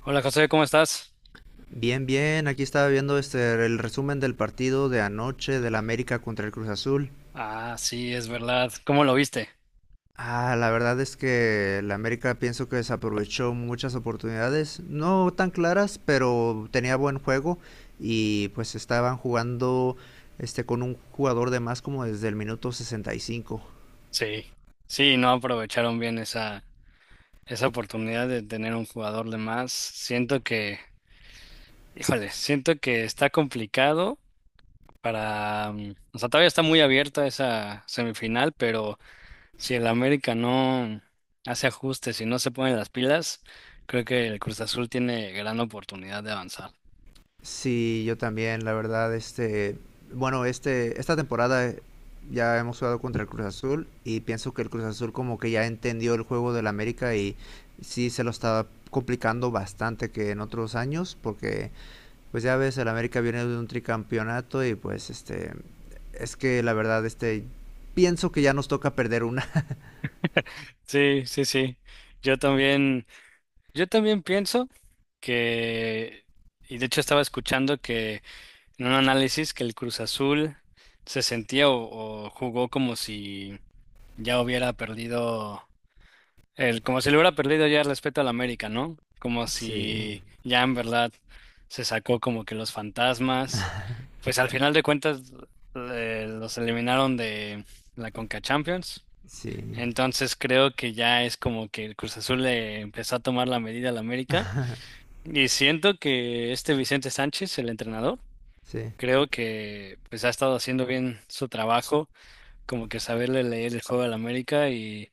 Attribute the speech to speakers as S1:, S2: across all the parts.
S1: Hola José, ¿cómo estás?
S2: Bien, bien, aquí estaba viendo el resumen del partido de anoche del América contra el Cruz Azul.
S1: Ah, sí, es verdad. ¿Cómo lo viste?
S2: Ah, la verdad es que el América pienso que desaprovechó muchas oportunidades, no tan claras, pero tenía buen juego y pues estaban jugando con un jugador de más como desde el minuto 65.
S1: Sí. Sí, no aprovecharon bien esa oportunidad de tener un jugador de más. Siento que, híjole, siento que está complicado para, o sea, todavía está muy abierta esa semifinal, pero si el América no hace ajustes y no se pone las pilas, creo que el Cruz Azul tiene gran oportunidad de avanzar.
S2: Sí, yo también, la verdad, esta temporada ya hemos jugado contra el Cruz Azul y pienso que el Cruz Azul como que ya entendió el juego del América y sí se lo estaba complicando bastante que en otros años, porque pues ya ves, el América viene de un tricampeonato y pues es que la verdad, pienso que ya nos toca perder una.
S1: Sí, sí, sí. Yo también. Yo también pienso que, y de hecho estaba escuchando que en un análisis que el Cruz Azul se sentía o jugó como si ya hubiera perdido, el, como si le hubiera perdido ya el respeto al América, ¿no? Como
S2: Sí,
S1: si ya en verdad se sacó como que los fantasmas, pues al final de cuentas los eliminaron de la Conca Champions.
S2: sí,
S1: Entonces creo que ya es como que el Cruz Azul le empezó a tomar la medida al América. Y siento que este Vicente Sánchez, el entrenador,
S2: sí,
S1: creo que pues ha estado haciendo bien su trabajo, como que saberle leer el juego al América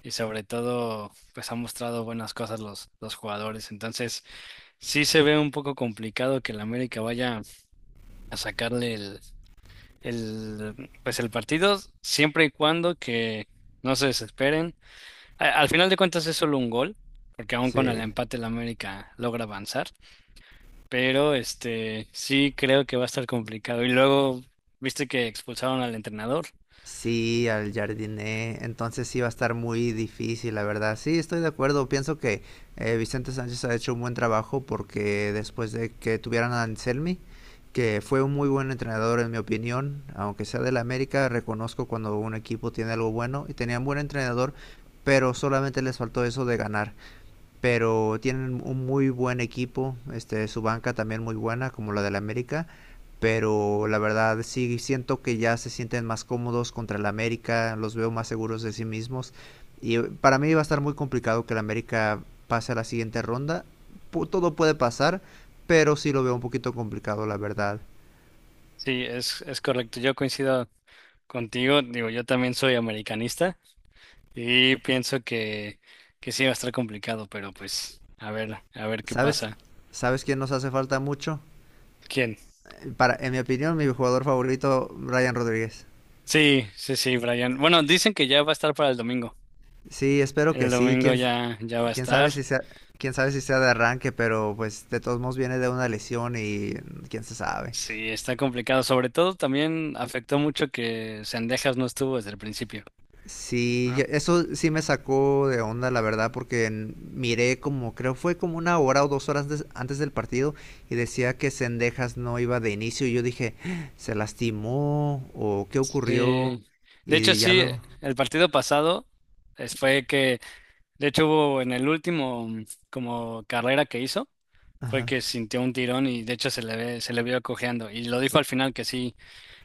S1: y sobre todo pues ha mostrado buenas cosas los jugadores. Entonces sí se ve un poco complicado que el América vaya a sacarle el pues el partido siempre y cuando que no se desesperen. Al final de cuentas es solo un gol, porque aún con el
S2: sí.
S1: empate el América logra avanzar. Pero este sí creo que va a estar complicado. Y luego, viste que expulsaron al entrenador.
S2: Sí, al jardiné. Entonces sí va a estar muy difícil, la verdad. Sí, estoy de acuerdo. Pienso que Vicente Sánchez ha hecho un buen trabajo, porque después de que tuvieran a Anselmi, que fue un muy buen entrenador en mi opinión, aunque sea del América, reconozco cuando un equipo tiene algo bueno y tenían buen entrenador, pero solamente les faltó eso de ganar. Pero tienen un muy buen equipo, su banca también muy buena, como la del América, pero la verdad sí siento que ya se sienten más cómodos contra el América, los veo más seguros de sí mismos, y para mí va a estar muy complicado que el América pase a la siguiente ronda. Todo puede pasar, pero sí lo veo un poquito complicado, la verdad.
S1: Sí, es correcto. Yo coincido contigo. Digo, yo también soy americanista y pienso que sí va a estar complicado, pero pues a ver qué
S2: ¿Sabes?
S1: pasa.
S2: ¿Sabes quién nos hace falta mucho?
S1: ¿Quién?
S2: Para, en mi opinión, mi jugador favorito, Ryan Rodríguez.
S1: Sí, sí, sí, Brian. Bueno, dicen que ya va a estar para el domingo.
S2: Sí, espero
S1: El
S2: que sí.
S1: domingo ya, ya va a
S2: Quién
S1: estar.
S2: sabe si sea, ¿Quién sabe si sea de arranque? Pero pues de todos modos viene de una lesión y quién se sabe.
S1: Sí, está complicado. Sobre todo también afectó mucho que Sendejas no estuvo desde el principio.
S2: Sí, eso sí me sacó de onda, la verdad, porque miré, como creo fue como una hora o dos horas antes del partido, y decía que Sendejas no iba de inicio y yo dije, "Ah, ¿se lastimó? ¿O qué ocurrió?"
S1: Sí, de hecho
S2: Y ya
S1: sí,
S2: luego,
S1: el partido pasado fue que, de hecho hubo en el último como carrera que hizo, fue
S2: ajá,
S1: que sintió un tirón y de hecho se le ve, se le vio cojeando y lo dijo al final que sí,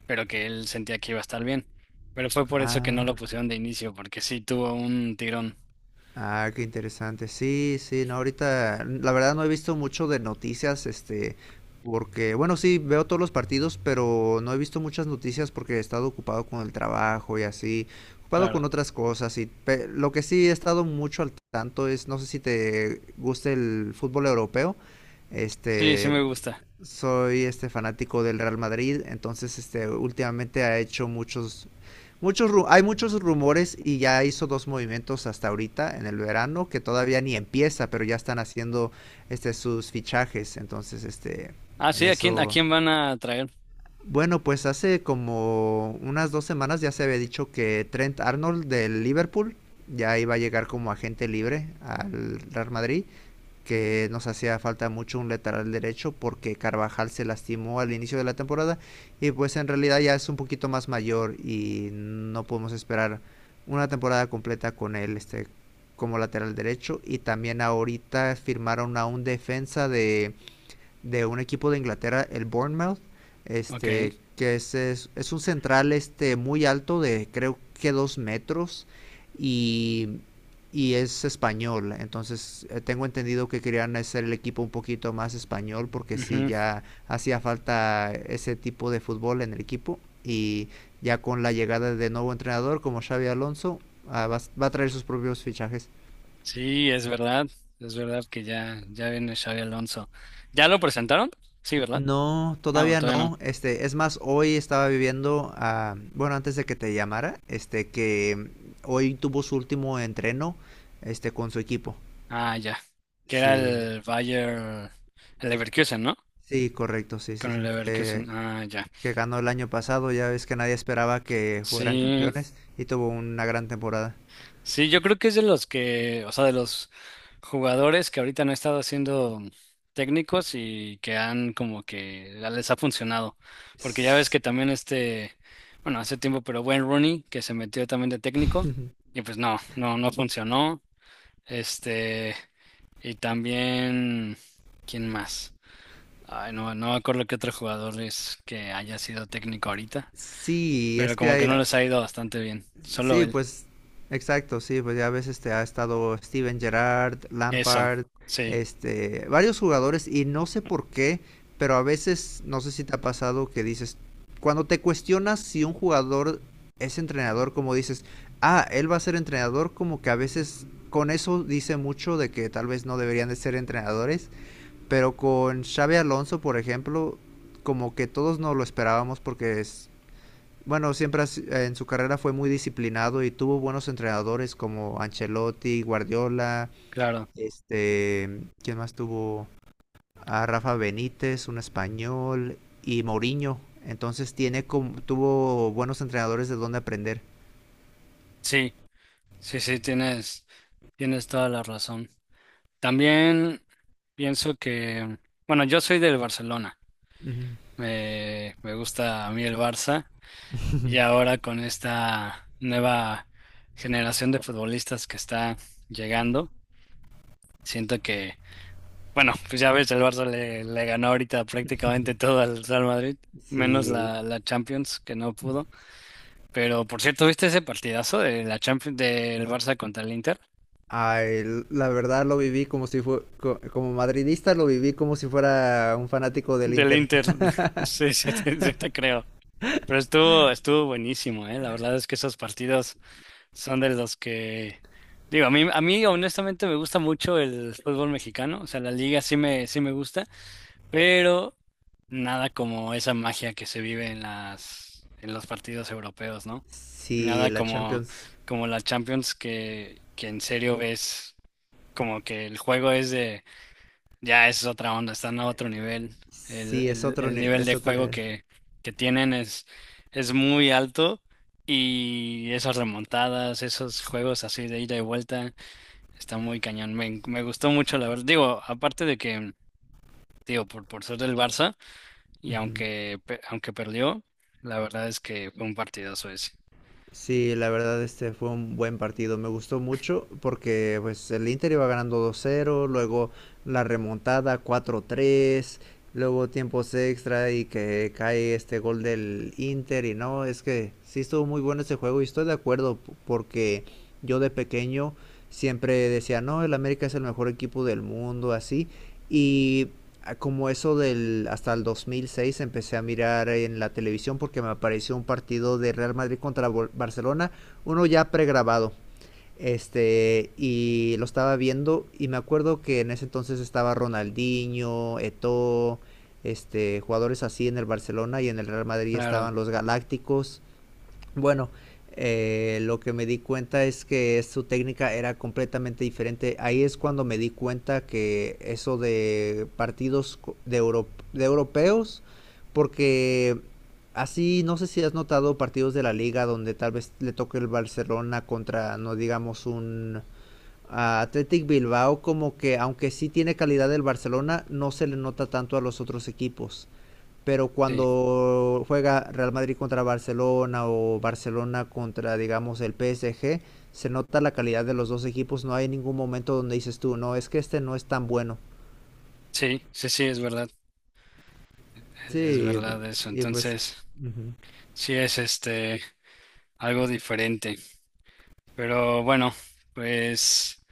S1: pero que él sentía que iba a estar bien, pero fue por eso que no
S2: ah,
S1: lo pusieron de inicio, porque sí tuvo un tirón,
S2: ah, qué interesante. Sí, sí, no, ahorita la verdad no he visto mucho de noticias, porque, bueno, sí, veo todos los partidos, pero no he visto muchas noticias porque he estado ocupado con el trabajo y así, ocupado con
S1: claro.
S2: otras cosas. Y lo que sí he estado mucho al tanto es, no sé si te gusta el fútbol europeo,
S1: Sí, sí
S2: este,
S1: me gusta.
S2: soy fanático del Real Madrid. Entonces últimamente ha hecho muchos hay muchos rumores, y ya hizo dos movimientos hasta ahorita en el verano, que todavía ni empieza, pero ya están haciendo sus fichajes. Entonces este
S1: Ah,
S2: en
S1: sí, a
S2: eso
S1: quién van a traer?
S2: bueno, pues hace como unas dos semanas ya se había dicho que Trent Arnold del Liverpool ya iba a llegar como agente libre al Real Madrid, que nos hacía falta mucho un lateral derecho porque Carvajal se lastimó al inicio de la temporada y pues en realidad ya es un poquito más mayor y no podemos esperar una temporada completa con él como lateral derecho. Y también ahorita firmaron a un defensa de un equipo de Inglaterra, el Bournemouth,
S1: Ok.
S2: que es un central, muy alto, de creo que dos metros, y, y es español. Entonces tengo entendido que querían hacer el equipo un poquito más español, porque sí
S1: Ujú.
S2: ya hacía falta ese tipo de fútbol en el equipo, y ya con la llegada de nuevo entrenador como Xavi Alonso, va, a traer sus propios fichajes.
S1: Sí, es verdad que ya, ya viene Xavi Alonso. ¿Ya lo presentaron? Sí, ¿verdad?
S2: No,
S1: Ah, no,
S2: todavía
S1: todavía no.
S2: no. Es más, hoy estaba viviendo, bueno, antes de que te llamara, que hoy tuvo su último entreno, con su equipo.
S1: Ah, ya. Que era
S2: Sí,
S1: el Bayer, el Leverkusen, ¿no?
S2: sí, correcto, sí, sí,
S1: Con el
S2: sí.
S1: Leverkusen.
S2: Que,
S1: Ah, ya.
S2: que ganó el año pasado, ya ves que nadie esperaba que fueran
S1: Sí,
S2: campeones y tuvo una gran temporada.
S1: sí, yo creo que es de los que, o sea, de los jugadores que ahorita no han estado siendo técnicos y que han como que ya les ha funcionado. Porque ya ves
S2: S-
S1: que también este, bueno, hace tiempo, pero Wayne Rooney, que se metió también de técnico, y pues no, no, no funcionó. Este, y también, ¿quién más? Ay, no, no me acuerdo qué otro jugador es que haya sido técnico ahorita,
S2: Sí,
S1: pero
S2: es que
S1: como que
S2: hay...
S1: no les ha ido bastante bien. Solo
S2: Sí,
S1: él.
S2: pues exacto, sí, pues ya ves, ha estado Steven Gerrard,
S1: Eso,
S2: Lampard,
S1: sí,
S2: varios jugadores y no sé por qué, pero a veces, no sé si te ha pasado que dices, cuando te cuestionas si un jugador es entrenador, como dices, ah, él va a ser entrenador, como que a veces con eso dice mucho de que tal vez no deberían de ser entrenadores. Pero con Xavi Alonso, por ejemplo, como que todos no lo esperábamos porque bueno, siempre en su carrera fue muy disciplinado y tuvo buenos entrenadores como Ancelotti, Guardiola,
S1: claro.
S2: ¿quién más tuvo? A Rafa Benítez, un español, y Mourinho. Entonces tiene como, tuvo buenos entrenadores de dónde aprender.
S1: Sí, sí, sí, tienes, tienes toda la razón. También pienso que, bueno, yo soy del Barcelona.
S2: Ujú.
S1: Me gusta a mí el Barça y ahora con esta nueva generación de futbolistas que está llegando, siento que bueno, pues ya ves, el Barça le ganó ahorita prácticamente todo al Real Madrid, menos
S2: Sí.
S1: la Champions, que no pudo. Pero por cierto, ¿viste ese partidazo de la Champions del Barça contra el Inter?
S2: Ay, la verdad lo viví como si como madridista lo viví como si fuera un fanático del
S1: Del
S2: Inter.
S1: Inter, sí, sí te creo. Pero estuvo, estuvo buenísimo, ¿eh? La verdad es que esos partidos son de los que, digo, a mí honestamente me gusta mucho el fútbol mexicano, o sea, la liga sí me gusta. Pero nada como esa magia que se vive en las en los partidos europeos, ¿no?
S2: Sí,
S1: Nada
S2: la
S1: como
S2: Champions.
S1: como la Champions que en serio ves como que el juego es de ya es otra onda, están a otro nivel. El,
S2: Sí, es
S1: el,
S2: otro,
S1: el nivel
S2: es
S1: de
S2: otro
S1: juego
S2: nivel.
S1: que tienen es muy alto y esas remontadas, esos juegos así de ida y vuelta, está muy cañón. Me gustó mucho la verdad. Digo, aparte de que, digo, por ser del Barça y
S2: Ujú.
S1: aunque, aunque perdió, la verdad es que fue un partidazo ese.
S2: Sí, la verdad fue un buen partido, me gustó mucho porque pues el Inter iba ganando dos cero, luego la remontada cuatro tres, luego tiempos extra y que cae este gol del Inter. Y no, es que sí estuvo muy bueno ese juego, y estoy de acuerdo porque yo de pequeño siempre decía, no, el América es el mejor equipo del mundo, así. Y como eso del hasta el 2006 empecé a mirar en la televisión porque me apareció un partido de Real Madrid contra Barcelona, uno ya pregrabado. Y lo estaba viendo y me acuerdo que en ese entonces estaba Ronaldinho, Eto'o, jugadores así en el Barcelona, y en el Real Madrid
S1: Claro,
S2: estaban los Galácticos. Bueno, lo que me di cuenta es que su técnica era completamente diferente. Ahí es cuando me di cuenta que eso de partidos de europeos, porque así no sé si has notado partidos de la liga donde tal vez le toque el Barcelona contra, no digamos, un Athletic Bilbao, como que aunque sí tiene calidad el Barcelona, no se le nota tanto a los otros equipos. Pero
S1: sí,
S2: cuando juega Real Madrid contra Barcelona o Barcelona contra, digamos, el PSG, se nota la calidad de los dos equipos, no hay ningún momento donde dices tú, no, es que este no es tan bueno.
S1: sí, sí, sí, es verdad, e, es
S2: Sí,
S1: verdad eso.
S2: y pues,
S1: Entonces,
S2: ujú.
S1: sí es este algo diferente. Pero bueno, pues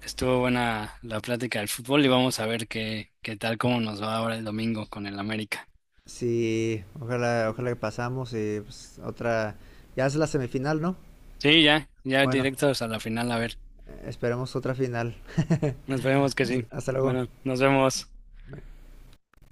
S1: estuvo buena la plática del fútbol y vamos a ver qué, qué tal, cómo nos va ahora el domingo con el América.
S2: Sí, ojalá, ojalá que pasamos y pues otra, ya es la semifinal, ¿no?
S1: Sí, ya, ya
S2: Bueno,
S1: directos a la final, a ver.
S2: esperemos otra final.
S1: Nos vemos que sí.
S2: Hasta luego.
S1: Bueno, nos vemos.